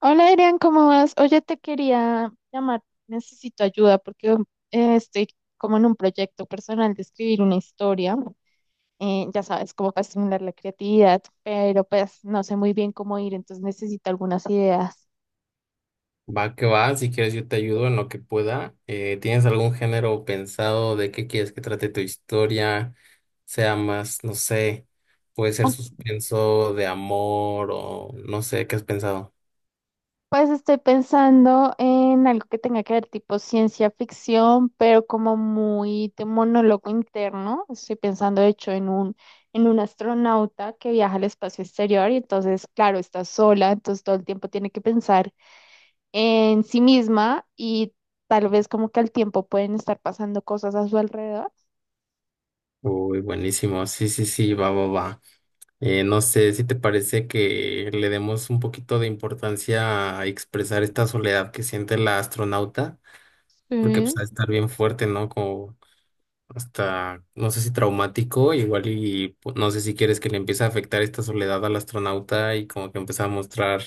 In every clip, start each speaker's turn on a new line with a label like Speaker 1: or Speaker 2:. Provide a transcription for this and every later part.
Speaker 1: Hola, Adrián, ¿cómo vas? Oye, te quería llamar, necesito ayuda porque estoy como en un proyecto personal de escribir una historia, ya sabes, como para estimular la creatividad, pero pues no sé muy bien cómo ir, entonces necesito algunas ideas.
Speaker 2: Va que va, si quieres yo te ayudo en lo que pueda. ¿Tienes algún género pensado de qué quieres que trate tu historia? Sea más, no sé, puede ser suspenso de amor o no sé, ¿qué has pensado?
Speaker 1: Pues estoy pensando en algo que tenga que ver tipo ciencia ficción, pero como muy de monólogo interno. Estoy pensando, de hecho, en un astronauta que viaja al espacio exterior y entonces, claro, está sola, entonces todo el tiempo tiene que pensar en sí misma y tal vez como que al tiempo pueden estar pasando cosas a su alrededor.
Speaker 2: Uy, buenísimo, sí, sí, sí, va, va, va. No sé si te parece que le demos un poquito de importancia a expresar esta soledad que siente la astronauta, porque pues
Speaker 1: Sí.
Speaker 2: ha de estar bien fuerte, ¿no? Como hasta, no sé si traumático, igual y no sé si quieres que le empiece a afectar esta soledad al astronauta y como que empieza a mostrar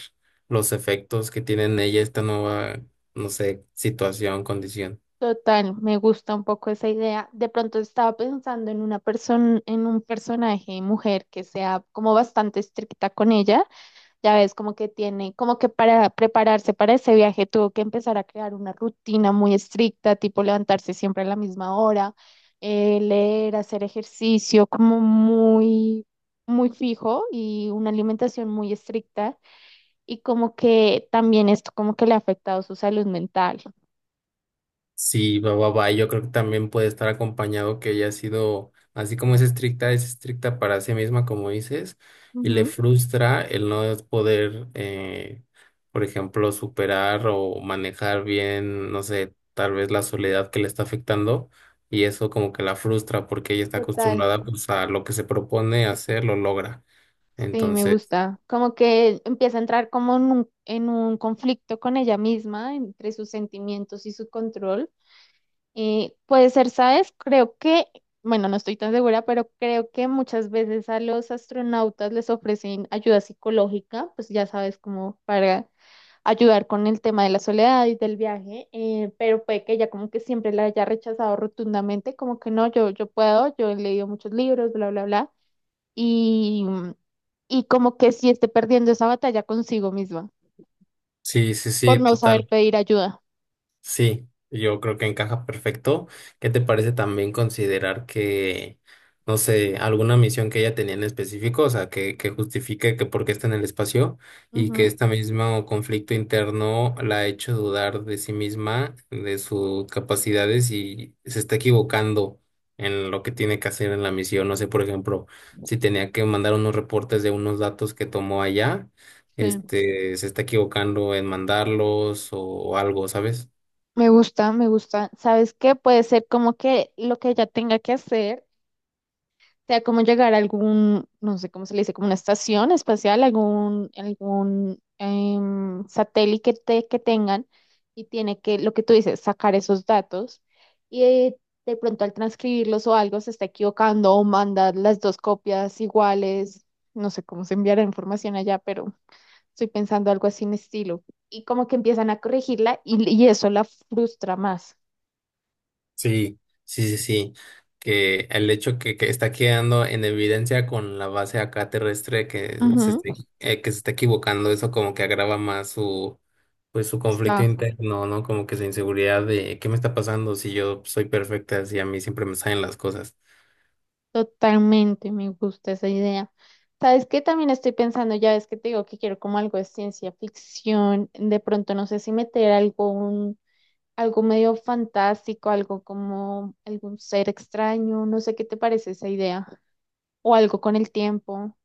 Speaker 2: los efectos que tiene en ella esta nueva, no sé, situación, condición.
Speaker 1: Total, me gusta un poco esa idea. De pronto estaba pensando en una persona, en un personaje mujer que sea como bastante estricta con ella. Ya ves, como que para prepararse para ese viaje tuvo que empezar a crear una rutina muy estricta, tipo levantarse siempre a la misma hora, leer, hacer ejercicio, muy fijo y una alimentación muy estricta. Y como que también esto como que le ha afectado su salud mental.
Speaker 2: Sí, va, va, va. Yo creo que también puede estar acompañado que ella ha sido, así como es estricta para sí misma, como dices, y le
Speaker 1: Ujú.
Speaker 2: frustra el no poder, por ejemplo, superar o manejar bien, no sé, tal vez la soledad que le está afectando, y eso como que la frustra porque ella está
Speaker 1: Total.
Speaker 2: acostumbrada pues a lo que se propone hacer, lo logra.
Speaker 1: Sí, me
Speaker 2: Entonces,
Speaker 1: gusta. Como que empieza a entrar como en un conflicto con ella misma, entre sus sentimientos y su control. Puede ser, ¿sabes? Creo que, bueno, no estoy tan segura, pero creo que muchas veces a los astronautas les ofrecen ayuda psicológica, pues ya sabes, como para ayudar con el tema de la soledad y del viaje, pero puede que ella como que siempre la haya rechazado rotundamente, como que no, yo puedo, yo he leído muchos libros, bla, bla, bla y, y como que sí esté perdiendo esa batalla consigo misma
Speaker 2: sí, sí,
Speaker 1: por
Speaker 2: sí,
Speaker 1: no saber
Speaker 2: total.
Speaker 1: pedir ayuda.
Speaker 2: Sí, yo creo que encaja perfecto. ¿Qué te parece también considerar que, no sé, alguna misión que ella tenía en específico? O sea, que justifique que por qué está en el espacio y que
Speaker 1: Ujú,
Speaker 2: este mismo conflicto interno la ha hecho dudar de sí misma, de sus capacidades y se está equivocando en lo que tiene que hacer en la misión. No sé, por ejemplo, si tenía que mandar unos reportes de unos datos que tomó allá,
Speaker 1: sí.
Speaker 2: este, se está equivocando en mandarlos o algo, ¿sabes?
Speaker 1: Me gusta, me gusta. ¿Sabes qué? Puede ser como que lo que ella tenga que hacer sea como llegar a algún, no sé cómo se le dice, como una estación espacial, algún satélite que, que tengan y tiene que, lo que tú dices, sacar esos datos y de pronto al transcribirlos o algo se está equivocando o manda las dos copias iguales, no sé cómo se enviará información allá, pero estoy pensando algo así en estilo. Y como que empiezan a corregirla y eso la frustra más.
Speaker 2: Sí, sí, sí, sí. Que el hecho que está quedando en evidencia con la base acá terrestre que se
Speaker 1: Ujú.
Speaker 2: esté, que se está equivocando, eso como que agrava más su, pues su conflicto
Speaker 1: Está.
Speaker 2: interno, ¿no? Como que su inseguridad de ¿qué me está pasando si yo soy perfecta, si a mí siempre me salen las cosas?
Speaker 1: Totalmente, me gusta esa idea. ¿Sabes qué? También estoy pensando, ya ves que te digo que quiero como algo de ciencia ficción, de pronto no sé si meter algo, algo medio fantástico, algo como algún ser extraño, no sé qué te parece esa idea, o algo con el tiempo.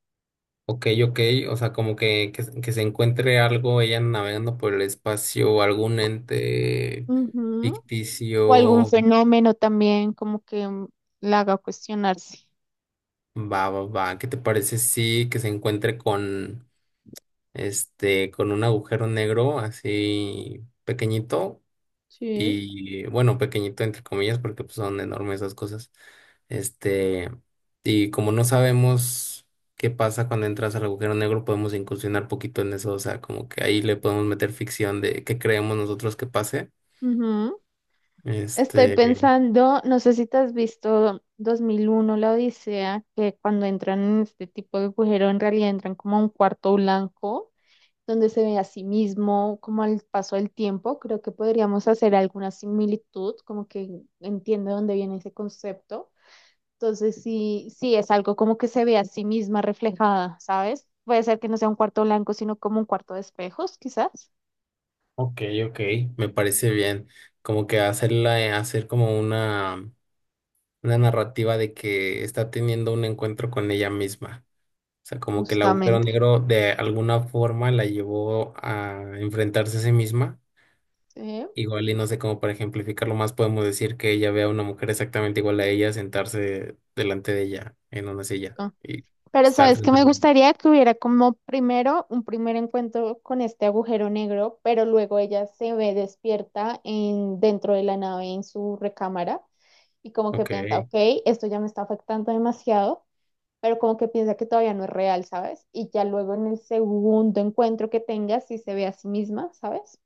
Speaker 2: Ok, ok, o sea, como que se encuentre algo, ella navegando por el espacio, algún ente
Speaker 1: Ujú. O algún
Speaker 2: ficticio.
Speaker 1: fenómeno también como que la haga cuestionarse.
Speaker 2: Va, va, va, ¿qué te parece si que se encuentre con este, con un agujero negro así pequeñito?
Speaker 1: Sí.
Speaker 2: Y bueno, pequeñito entre comillas porque pues, son enormes esas cosas. Este, y como no sabemos qué pasa cuando entras al agujero negro, podemos incursionar poquito en eso, o sea, como que ahí le podemos meter ficción de qué creemos nosotros que pase.
Speaker 1: Estoy
Speaker 2: Este,
Speaker 1: pensando, no sé si te has visto 2001 la Odisea, que cuando entran en este tipo de agujero, en realidad entran como a un cuarto blanco, donde se ve a sí mismo, como al paso del tiempo. Creo que podríamos hacer alguna similitud, como que entiende dónde viene ese concepto. Entonces, sí, sí, es algo como que se ve a sí misma reflejada, ¿sabes? Puede ser que no sea un cuarto blanco, sino como un cuarto de espejos, quizás.
Speaker 2: ok, ok, me parece bien. Como que hacerla, hacer como una narrativa de que está teniendo un encuentro con ella misma. O sea, como que el agujero
Speaker 1: Justamente.
Speaker 2: negro de alguna forma la llevó a enfrentarse a sí misma.
Speaker 1: Sí.
Speaker 2: Igual y no sé cómo para ejemplificarlo más podemos decir que ella ve a una mujer exactamente igual a ella sentarse delante de ella en una silla y
Speaker 1: Pero
Speaker 2: estar
Speaker 1: sabes que
Speaker 2: frente a
Speaker 1: me gustaría que hubiera como primero un primer encuentro con este agujero negro, pero luego ella se ve despierta en, dentro de la nave en su recámara y como que
Speaker 2: Ok,
Speaker 1: piensa, ok, esto ya me está afectando demasiado, pero como que piensa que todavía no es real, ¿sabes? Y ya luego en el segundo encuentro que tenga, si se ve a sí misma, ¿sabes?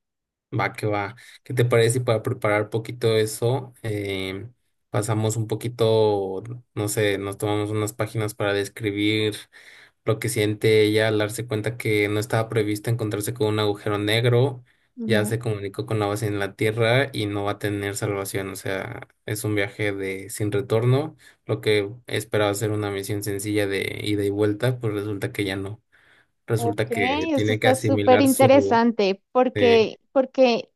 Speaker 2: va que va. ¿Qué te parece si para preparar un poquito eso pasamos un poquito, no sé, nos tomamos unas páginas para describir lo que siente ella al darse cuenta que no estaba previsto encontrarse con un agujero negro, ya
Speaker 1: Ujú.
Speaker 2: se comunicó con la base en la Tierra y no va a tener salvación? O sea, es un viaje de sin retorno, lo que esperaba ser una misión sencilla de ida y vuelta, pues resulta que ya no,
Speaker 1: Ok,
Speaker 2: resulta que
Speaker 1: esto
Speaker 2: tiene que
Speaker 1: está súper
Speaker 2: asimilar su...
Speaker 1: interesante
Speaker 2: eh,
Speaker 1: porque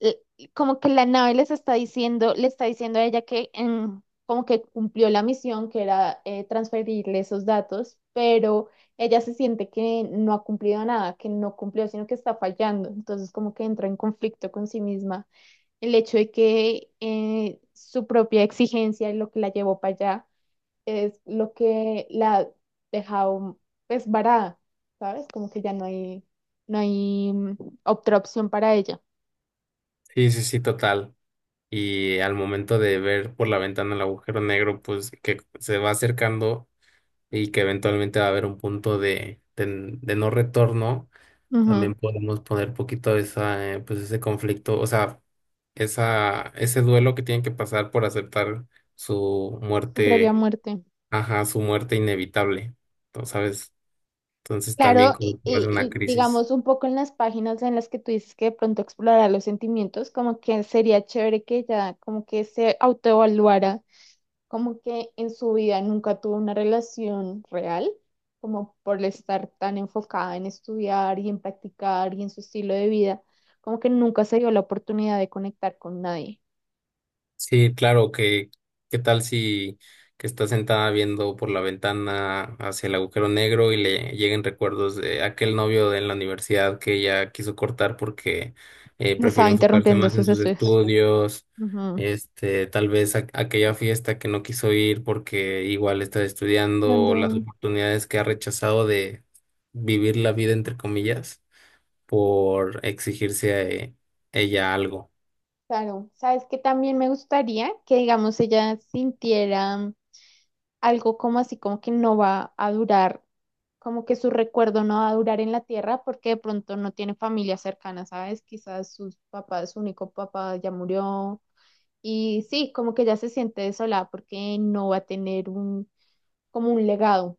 Speaker 1: eh, como que la nave les está diciendo, le está diciendo a ella que como que cumplió la misión, que era transferirle esos datos, pero ella se siente que no ha cumplido nada, que no cumplió, sino que está fallando. Entonces como que entra en conflicto con sí misma. El hecho de que su propia exigencia y lo que la llevó para allá es lo que la ha dejado pues varada, ¿sabes? Como que ya no hay, no hay otra opción para ella.
Speaker 2: sí, sí, sí, total. Y al momento de ver por la ventana el agujero negro, pues que se va acercando y que eventualmente va a haber un punto de no retorno. También podemos poner poquito esa, pues ese conflicto, o sea, esa, ese duelo que tienen que pasar por aceptar su
Speaker 1: Tu propia
Speaker 2: muerte,
Speaker 1: muerte.
Speaker 2: ajá, su muerte inevitable, ¿no? ¿Sabes? Entonces también
Speaker 1: Claro,
Speaker 2: como que va a ser una
Speaker 1: y
Speaker 2: crisis.
Speaker 1: digamos un poco en las páginas en las que tú dices que de pronto explorara los sentimientos, como que sería chévere que ella como que se autoevaluara, como que en su vida nunca tuvo una relación real, como por estar tan enfocada en estudiar y en practicar y en su estilo de vida, como que nunca se dio la oportunidad de conectar con nadie.
Speaker 2: Sí, claro, que qué tal si que estás sentada viendo por la ventana hacia el agujero negro y le lleguen recuerdos de aquel novio de la universidad que ella quiso cortar porque
Speaker 1: Le
Speaker 2: prefirió
Speaker 1: estaba
Speaker 2: enfocarse
Speaker 1: interrumpiendo
Speaker 2: más en
Speaker 1: sus
Speaker 2: sus
Speaker 1: estudios.
Speaker 2: estudios,
Speaker 1: Ujú.
Speaker 2: este, tal vez aquella fiesta que no quiso ir porque igual está estudiando, o las
Speaker 1: Ando-
Speaker 2: oportunidades que ha rechazado de vivir la vida entre comillas por exigirse a ella algo.
Speaker 1: Claro, sabes que también me gustaría que, digamos, ella sintiera algo como así, como que no va a durar, como que su recuerdo no va a durar en la tierra porque de pronto no tiene familia cercana, ¿sabes? Quizás sus papás, su único papá ya murió y sí, como que ya se siente desolada porque no va a tener un, como un legado.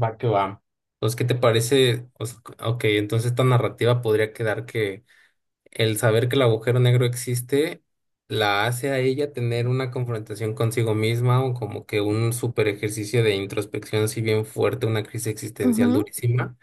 Speaker 2: Va que va. Pues, ¿qué te parece? O sea, ok, entonces esta narrativa podría quedar que el saber que el agujero negro existe la hace a ella tener una confrontación consigo misma o como que un super ejercicio de introspección, si bien fuerte, una crisis existencial
Speaker 1: Ujú.
Speaker 2: durísima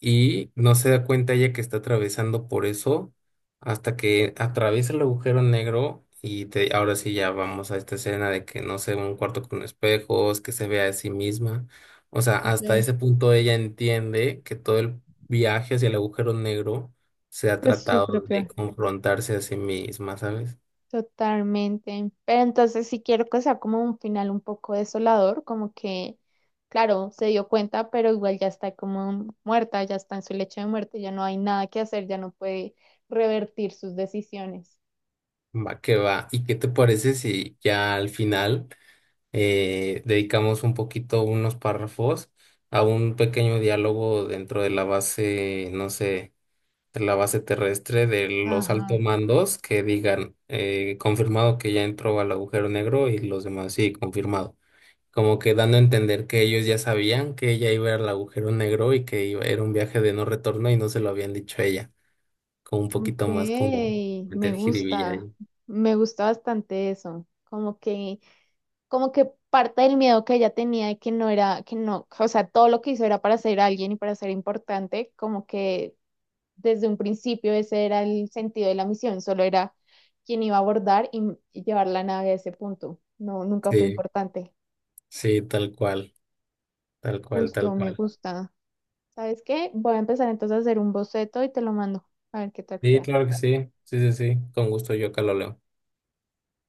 Speaker 2: y no se da cuenta ella que está atravesando por eso hasta que atraviesa el agujero negro y ahora sí ya vamos a esta escena de que no sé, un cuarto con espejos, que se vea a sí misma. O sea, hasta
Speaker 1: De,
Speaker 2: ese punto ella entiende que todo el viaje hacia el agujero negro se ha
Speaker 1: pues su
Speaker 2: tratado de
Speaker 1: propio
Speaker 2: confrontarse a sí misma, ¿sabes?
Speaker 1: Totalmente. Pero entonces sí quiero que sea como un final un poco desolador, como que, claro, se dio cuenta, pero igual ya está como muerta, ya está en su lecho de muerte, ya no hay nada que hacer, ya no puede revertir sus decisiones.
Speaker 2: Va que va. ¿Y qué te parece si ya al final... dedicamos un poquito, unos párrafos, a un pequeño diálogo dentro de la base, no sé, de la base terrestre de los altos
Speaker 1: Ajá.
Speaker 2: mandos que digan, confirmado que ya entró al agujero negro y los demás, sí, confirmado? Como que dando a entender que ellos ya sabían que ella iba al agujero negro y que era un viaje de no retorno y no se lo habían dicho a ella. Como un
Speaker 1: Ok,
Speaker 2: poquito más como
Speaker 1: me
Speaker 2: meter jiribilla
Speaker 1: gusta,
Speaker 2: ahí.
Speaker 1: me gusta bastante eso. Como que parte del miedo que ella tenía de que no era, que no, o sea, todo lo que hizo era para ser alguien y para ser importante, como que desde un principio ese era el sentido de la misión, solo era quien iba a abordar y llevar la nave a ese punto. No, nunca fue
Speaker 2: Sí,
Speaker 1: importante.
Speaker 2: sí, tal cual, tal cual, tal
Speaker 1: Justo, me
Speaker 2: cual.
Speaker 1: gusta. ¿Sabes qué? Voy a empezar entonces a hacer un boceto y te lo mando. A ver qué tal
Speaker 2: Sí,
Speaker 1: queda.
Speaker 2: claro que sí. Sí, sí, sí. Con gusto yo acá lo leo.